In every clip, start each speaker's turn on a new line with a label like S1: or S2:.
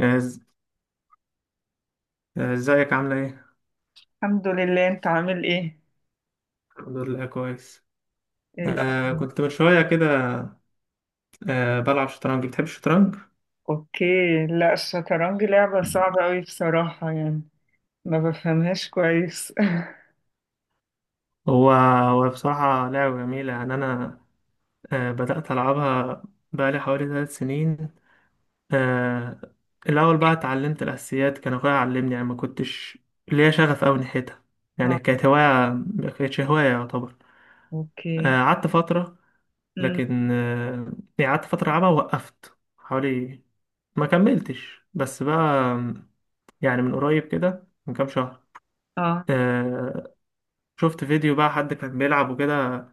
S1: إز- ازيك عاملة ايه؟
S2: الحمد لله، انت عامل ايه؟
S1: الحمد لله كويس.
S2: ايه الاخبار؟
S1: كنت من شوية كده. بلعب شطرنج. بتحب الشطرنج؟
S2: اوكي. لا الشطرنج لعبة صعبة قوي بصراحة يعني ما بفهمهاش كويس.
S1: هو هو بصراحة لعبة جميلة، يعني أنا بدأت ألعبها بقالي حوالي 3 سنين. آه الأول بقى اتعلمت الأساسيات، كان أخويا علمني، يعني ما كنتش ليا شغف أوي ناحيتها، يعني
S2: اه.
S1: كانت هواية، ما كانتش هواية يعتبر.
S2: اوكي.
S1: قعدت فترة،
S2: امم،
S1: لكن يعني قعدت فترة ألعبها ووقفت حوالي، ما كملتش بس بقى. يعني من قريب كده من كام شهر،
S2: اه،
S1: آه شفت فيديو بقى، حد كان بيلعب وكده،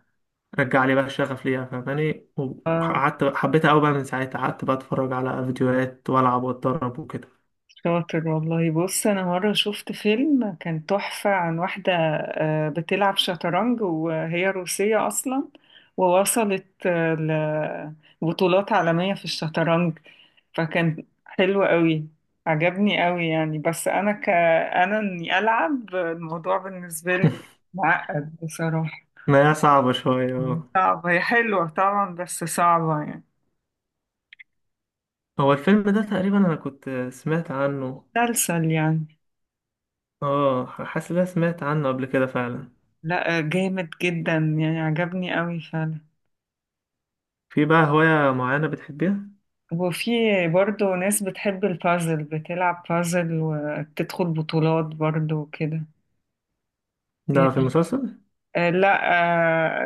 S1: رجع لي بقى الشغف ليها، فاهماني؟ وقعدت حبيتها قوي بقى، من ساعتها قعدت بقى اتفرج على فيديوهات والعب واتدرب وكده.
S2: شاطر والله. بص انا مره شفت فيلم كان تحفه عن واحده بتلعب شطرنج وهي روسيه اصلا، ووصلت لبطولات عالميه في الشطرنج، فكان حلو قوي، عجبني قوي يعني. بس انا انا اني العب الموضوع بالنسبه لي معقد بصراحه.
S1: ما هي صعبة شوية، اه.
S2: صعبه، هي حلوه طبعا بس صعبه يعني.
S1: هو الفيلم ده تقريبا انا كنت سمعت عنه،
S2: مسلسل يعني.
S1: اه، حاسس ان أنا سمعت عنه قبل كده فعلا.
S2: لا جامد جدا يعني، عجبني قوي فعلا.
S1: في بقى هواية معينة بتحبيها؟
S2: وفي برضه ناس بتحب البازل، بتلعب بازل وتدخل بطولات برضه وكده.
S1: ده في
S2: يعني
S1: المسلسل؟
S2: آه لا،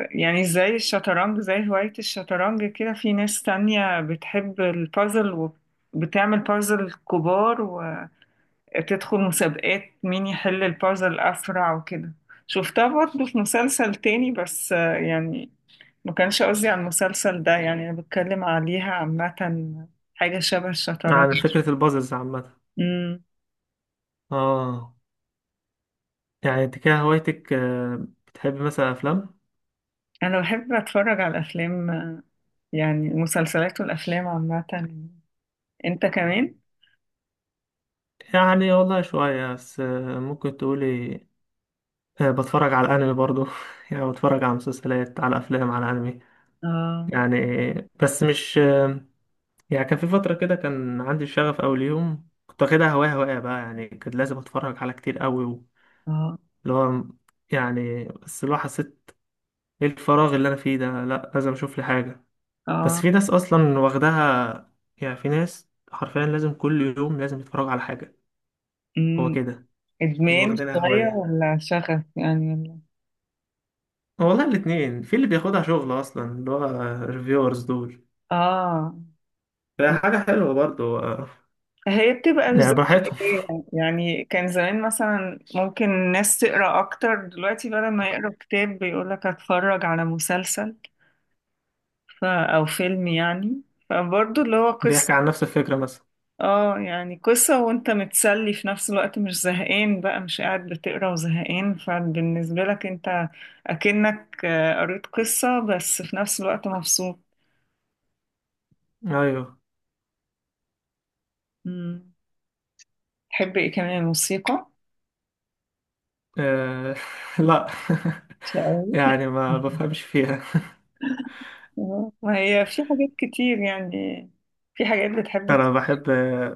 S2: آه يعني زي الشطرنج، زي هواية الشطرنج كده في ناس تانية بتحب البازل وبتعمل بازل كبار وتدخل مسابقات مين يحل البازل أسرع وكده. شفتها برضه في مسلسل تاني بس آه يعني ما كانش قصدي على المسلسل ده، يعني أنا بتكلم عليها عامة، حاجة شبه الشطرنج.
S1: عن فكرة البازلز عامة. اه، يعني انت كده هوايتك، بتحبي مثلا افلام؟
S2: انا بحب اتفرج على الافلام، يعني المسلسلات والافلام عامه. انت كمان؟
S1: يعني والله شوية، بس ممكن تقولي، بتفرج على الأنمي برضو يعني بتفرج على مسلسلات، على أفلام، على أنمي.
S2: اه.
S1: يعني بس مش يعني كان في فترة كده كان عندي الشغف، أول يوم كنت واخدها هواية هواية بقى، يعني كنت لازم أتفرج على كتير قوي
S2: اه.
S1: اللي هو، يعني بس اللي هو حسيت إيه الفراغ اللي أنا فيه ده؟ لأ، لازم أشوف لي حاجة. بس
S2: اه.
S1: في ناس أصلا واخداها، يعني في ناس حرفيا لازم كل يوم لازم يتفرجوا على حاجة. هو
S2: أمم.
S1: كده اللي
S2: ادمان
S1: واخدينها
S2: شويه
S1: هواية.
S2: ولا شغف يعني ولا؟
S1: والله الاتنين، في اللي بياخدها شغل اصلا، اللي هو ريفيورز دول.
S2: اه.
S1: ده حاجة حلوة برضو،
S2: هي بتبقى
S1: يعني
S2: زي
S1: براحتهم.
S2: قراية. يعني كان زمان مثلا ممكن الناس تقرا اكتر، دلوقتي بدل ما يقرا كتاب بيقولك اتفرج على مسلسل او فيلم يعني. فبرضه اللي هو قصه،
S1: بيحكي عن نفس الفكرة مثلا؟
S2: اه يعني قصة وانت متسلي في نفس الوقت، مش زهقان بقى، مش قاعد بتقرا وزهقان. فبالنسبة لك انت اكنك قريت قصة بس في نفس الوقت مبسوط.
S1: ايوه.
S2: مم. تحب ايه كمان؟ موسيقى؟
S1: آه... لا.
S2: شقاوي؟
S1: يعني ما بفهمش فيها.
S2: ما هي في حاجات كتير يعني. في حاجات بتحب
S1: انا بحب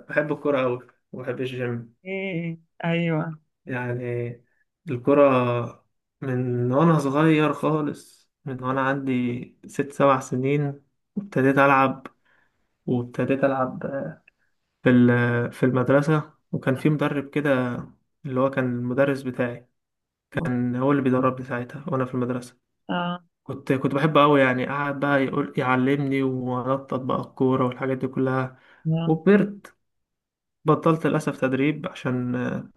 S1: بحب الكرة اوي، وبحب الجيم.
S2: ايه؟ ايوه.
S1: يعني الكرة، من وانا صغير خالص، من وانا عندي 6 7 سنين، وابتديت العب وابتديت العب في المدرسة، وكان في مدرب كده، اللي هو كان المدرس بتاعي، كان هو اللي بيدربني ساعتها وأنا في المدرسة.
S2: اه.
S1: كنت بحبه أوي، يعني قعد بقى يقول يعلمني وأنطط بقى الكورة والحاجات دي كلها.
S2: آه.
S1: وكبرت، بطلت للأسف تدريب عشان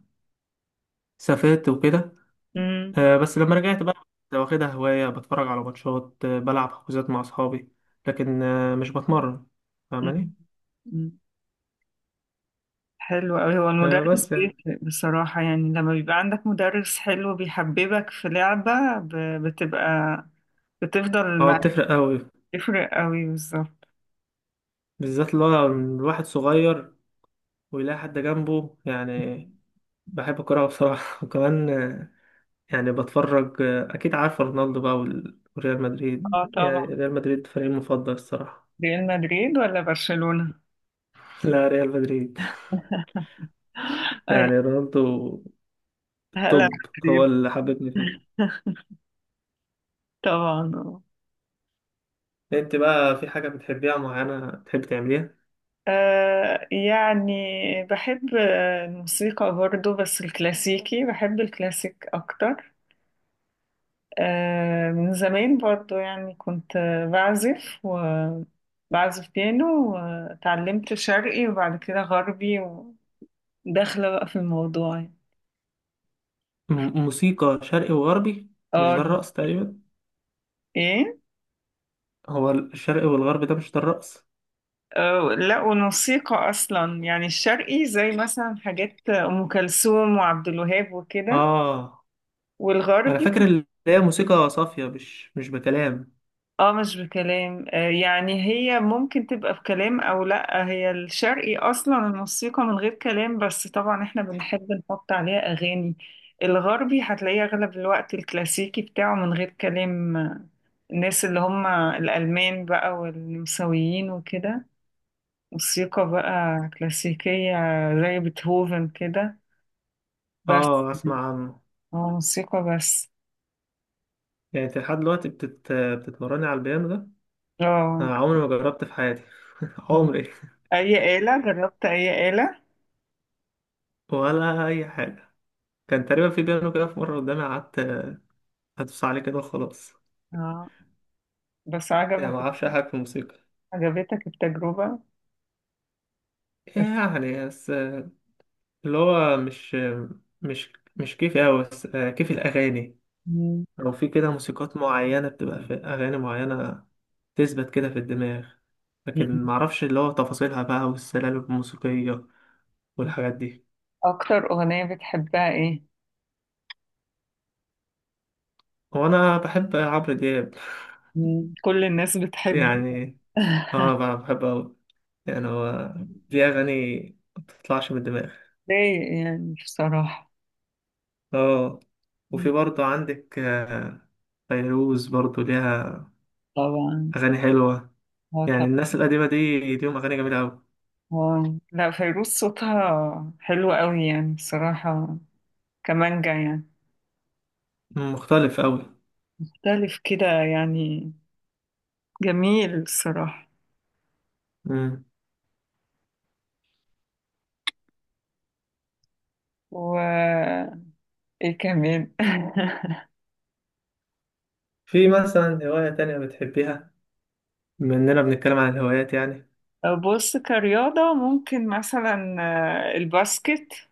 S1: سافرت وكده.
S2: مم.
S1: بس لما رجعت بقى كنت واخدها هواية، بتفرج على ماتشات، بلعب حجوزات مع أصحابي، لكن مش بتمرن، فاهماني؟
S2: مم. حلو أوي. هو المدرس
S1: بس يعني
S2: بيفرق بصراحة يعني، لما بيبقى عندك مدرس حلو بيحببك في لعبة بتبقى بتفضل
S1: هو
S2: معاك.
S1: بتفرق أوي،
S2: تفرق أوي بالظبط.
S1: بالذات اللي هو الواحد صغير ويلاقي حد جنبه، يعني. بحب الكورة بصراحة وكمان يعني بتفرج، أكيد عارف رونالدو بقى وريال مدريد،
S2: اه
S1: يعني
S2: طبعا.
S1: ريال مدريد فريقي المفضل الصراحة.
S2: ريال مدريد ولا برشلونة؟
S1: لا، ريال مدريد.
S2: أيوة.
S1: يعني رونالدو
S2: هلا
S1: توب هو
S2: مدريد.
S1: اللي حببني فيها.
S2: طبعا آه.
S1: أنت بقى في حاجة بتحبيها معينة تحب تعمليها؟
S2: يعني بحب الموسيقى برضو، بس الكلاسيكي، بحب الكلاسيك أكتر. من زمان برضو يعني، كنت بعزف، وبعزف بيانو، وتعلمت شرقي وبعد كده غربي، وداخلة بقى في الموضوع يعني.
S1: موسيقى شرقي وغربي؟ مش ده
S2: اه.
S1: الرقص تقريبا؟
S2: ايه؟
S1: هو الشرقي والغربي ده، مش ده الرقص؟
S2: لا والموسيقى اصلا يعني، الشرقي زي مثلا حاجات ام كلثوم وعبد الوهاب وكده،
S1: آه أنا
S2: والغربي.
S1: فاكر اللي هي موسيقى صافية، مش بكلام.
S2: اه مش بكلام، يعني هي ممكن تبقى بكلام او لا، هي الشرقي اصلا الموسيقى من غير كلام، بس طبعا احنا بنحب نحط عليها اغاني. الغربي هتلاقيه اغلب الوقت الكلاسيكي بتاعه من غير كلام، الناس اللي هم الالمان بقى والنمساويين وكده، موسيقى بقى كلاسيكية زي بيتهوفن كده، بس.
S1: أسمع عنه.
S2: اه موسيقى بس.
S1: يعني انت لحد دلوقتي بتتمرني على البيانو ده؟
S2: اه.
S1: انا عمري ما جربت في حياتي.
S2: آه.
S1: عمري
S2: اي آلة جربت؟ اي آلة؟
S1: ولا اي حاجه. كان تقريبا في بيانو كده في مره قدامي، قعدت هدوس عليه كده وخلاص.
S2: اه. بس
S1: يعني
S2: عجبك؟
S1: ما اعرفش اي حاجه في الموسيقى،
S2: عجبتك التجربة؟
S1: يعني بس اللي هو مش كيفي قوي، بس كيف الاغاني،
S2: مم.
S1: او في كده موسيقات معينه بتبقى في اغاني معينه تثبت كده في الدماغ، لكن
S2: مم.
S1: معرفش اللي هو تفاصيلها بقى والسلالم الموسيقية والحاجات دي.
S2: أكتر أغنية بتحبها إيه؟
S1: هو أنا بحب عمرو دياب،
S2: مم. كل الناس بتحبه.
S1: يعني اه بقى بحب أوي. يعني هو دي أغاني ما بتطلعش من الدماغ.
S2: ليه يعني بصراحة؟
S1: اه، وفي
S2: مم.
S1: برضو عندك فيروز برضو ليها
S2: طبعا.
S1: أغاني حلوة،
S2: هو
S1: يعني
S2: طبعا.
S1: الناس القديمة دي ليهم أغاني جميلة أوي.
S2: واو، لا فيروز صوتها حلو قوي يعني بصراحة، كمانجا يعني.
S1: مم، مختلف أوي.
S2: مختلف كده يعني، جميل الصراحة.
S1: مم.
S2: و ايه كمان؟
S1: في مثلا هواية تانية بتحبيها؟ بما إننا بنتكلم عن الهوايات، يعني.
S2: بص، كرياضة ممكن مثلا، الباسكت،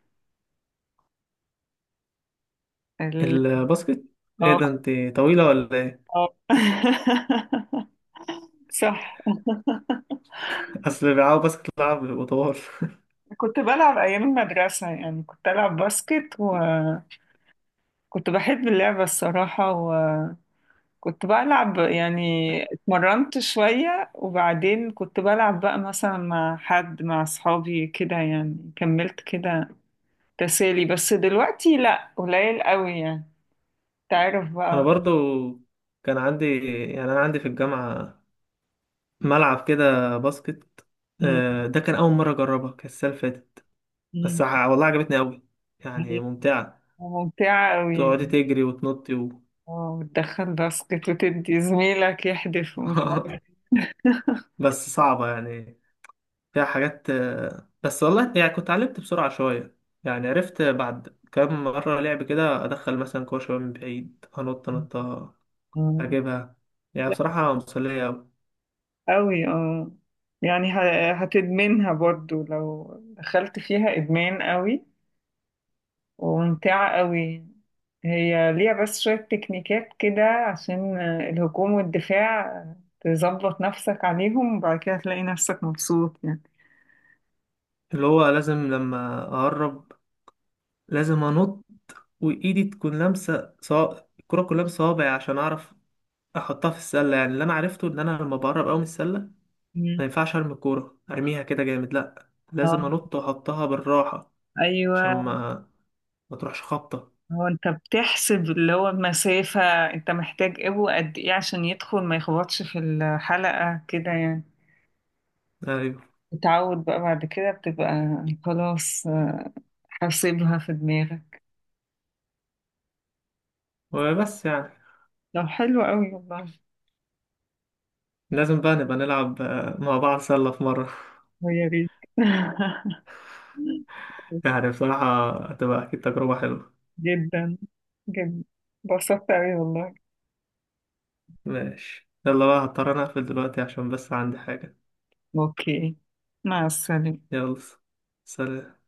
S2: ال...
S1: الباسكت؟ ايه ده،
S2: اه.
S1: انت طويلة ولا ايه؟
S2: آه. صح.
S1: أصل اللي بيلعبوا باسكت لعب بيبقوا طوال
S2: كنت بلعب أيام المدرسة يعني، كنت ألعب باسكت، وكنت بحب اللعبة الصراحة، وكنت بلعب يعني، اتمرنت شوية وبعدين كنت بلعب بقى مثلا مع حد، مع أصحابي كده، يعني كملت كده تسالي بس، دلوقتي لأ، قليل قوي يعني. تعرف
S1: أنا
S2: بقى.
S1: برضو كان عندي، يعني أنا عندي في الجامعة ملعب كده باسكت.
S2: م-
S1: ده كان أول مرة أجربها، كانت السنة اللي فاتت. بس
S2: م-
S1: والله عجبتني أوي، يعني
S2: هي
S1: ممتعة،
S2: ممتعة قوي،
S1: تقعدي تجري وتنطي و...
S2: وتدخل باسكت، وتدي زميلك يحدف ومش عارف.
S1: بس صعبة يعني، فيها حاجات، بس والله يعني كنت اتعلمت بسرعة شوية. يعني عرفت بعد كام مرة لعب كده، أدخل مثلا كورة شوية من بعيد، أنط نطة
S2: مم.
S1: أجيبها. يعني
S2: لا
S1: بصراحة مسلية أوي.
S2: قوي اه، يعني هتدمنها برضو لو دخلت فيها، إدمان قوي، وممتعة قوي. هي ليها بس شوية تكنيكات كده عشان الهجوم والدفاع، تظبط نفسك عليهم وبعد كده تلاقي نفسك مبسوط يعني.
S1: اللي هو لازم لما أقرب، لازم أنط، وإيدي تكون لامسة الكرة كلها بصوابعي عشان أعرف احطها في السله. يعني اللي انا عرفته ان انا لما بقرب قوي من السله،
S2: مم.
S1: ما ينفعش ارمي الكوره ارميها كده جامد، لا لازم
S2: اه.
S1: انط واحطها بالراحه، عشان
S2: ايوه.
S1: ما تروحش خبطه.
S2: هو انت بتحسب اللي هو المسافة، انت محتاج ابو قد ايه عشان يدخل، ما يخبطش في الحلقة كده يعني.
S1: ايوه،
S2: تتعود بقى بعد كده، بتبقى خلاص حاسبها في دماغك.
S1: وبس يعني،
S2: لو حلو قوي والله.
S1: لازم بقى نبقى نلعب مع بعض سله في مره
S2: ويا ريت.
S1: يعني بصراحه هتبقى اكيد تجربه حلوه.
S2: جدا جدا، انبسطت قوي والله.
S1: ماشي، يلا بقى هضطر انا اقفل دلوقتي عشان بس عندي حاجه.
S2: اوكي، مع السلامة.
S1: يلا. سلام.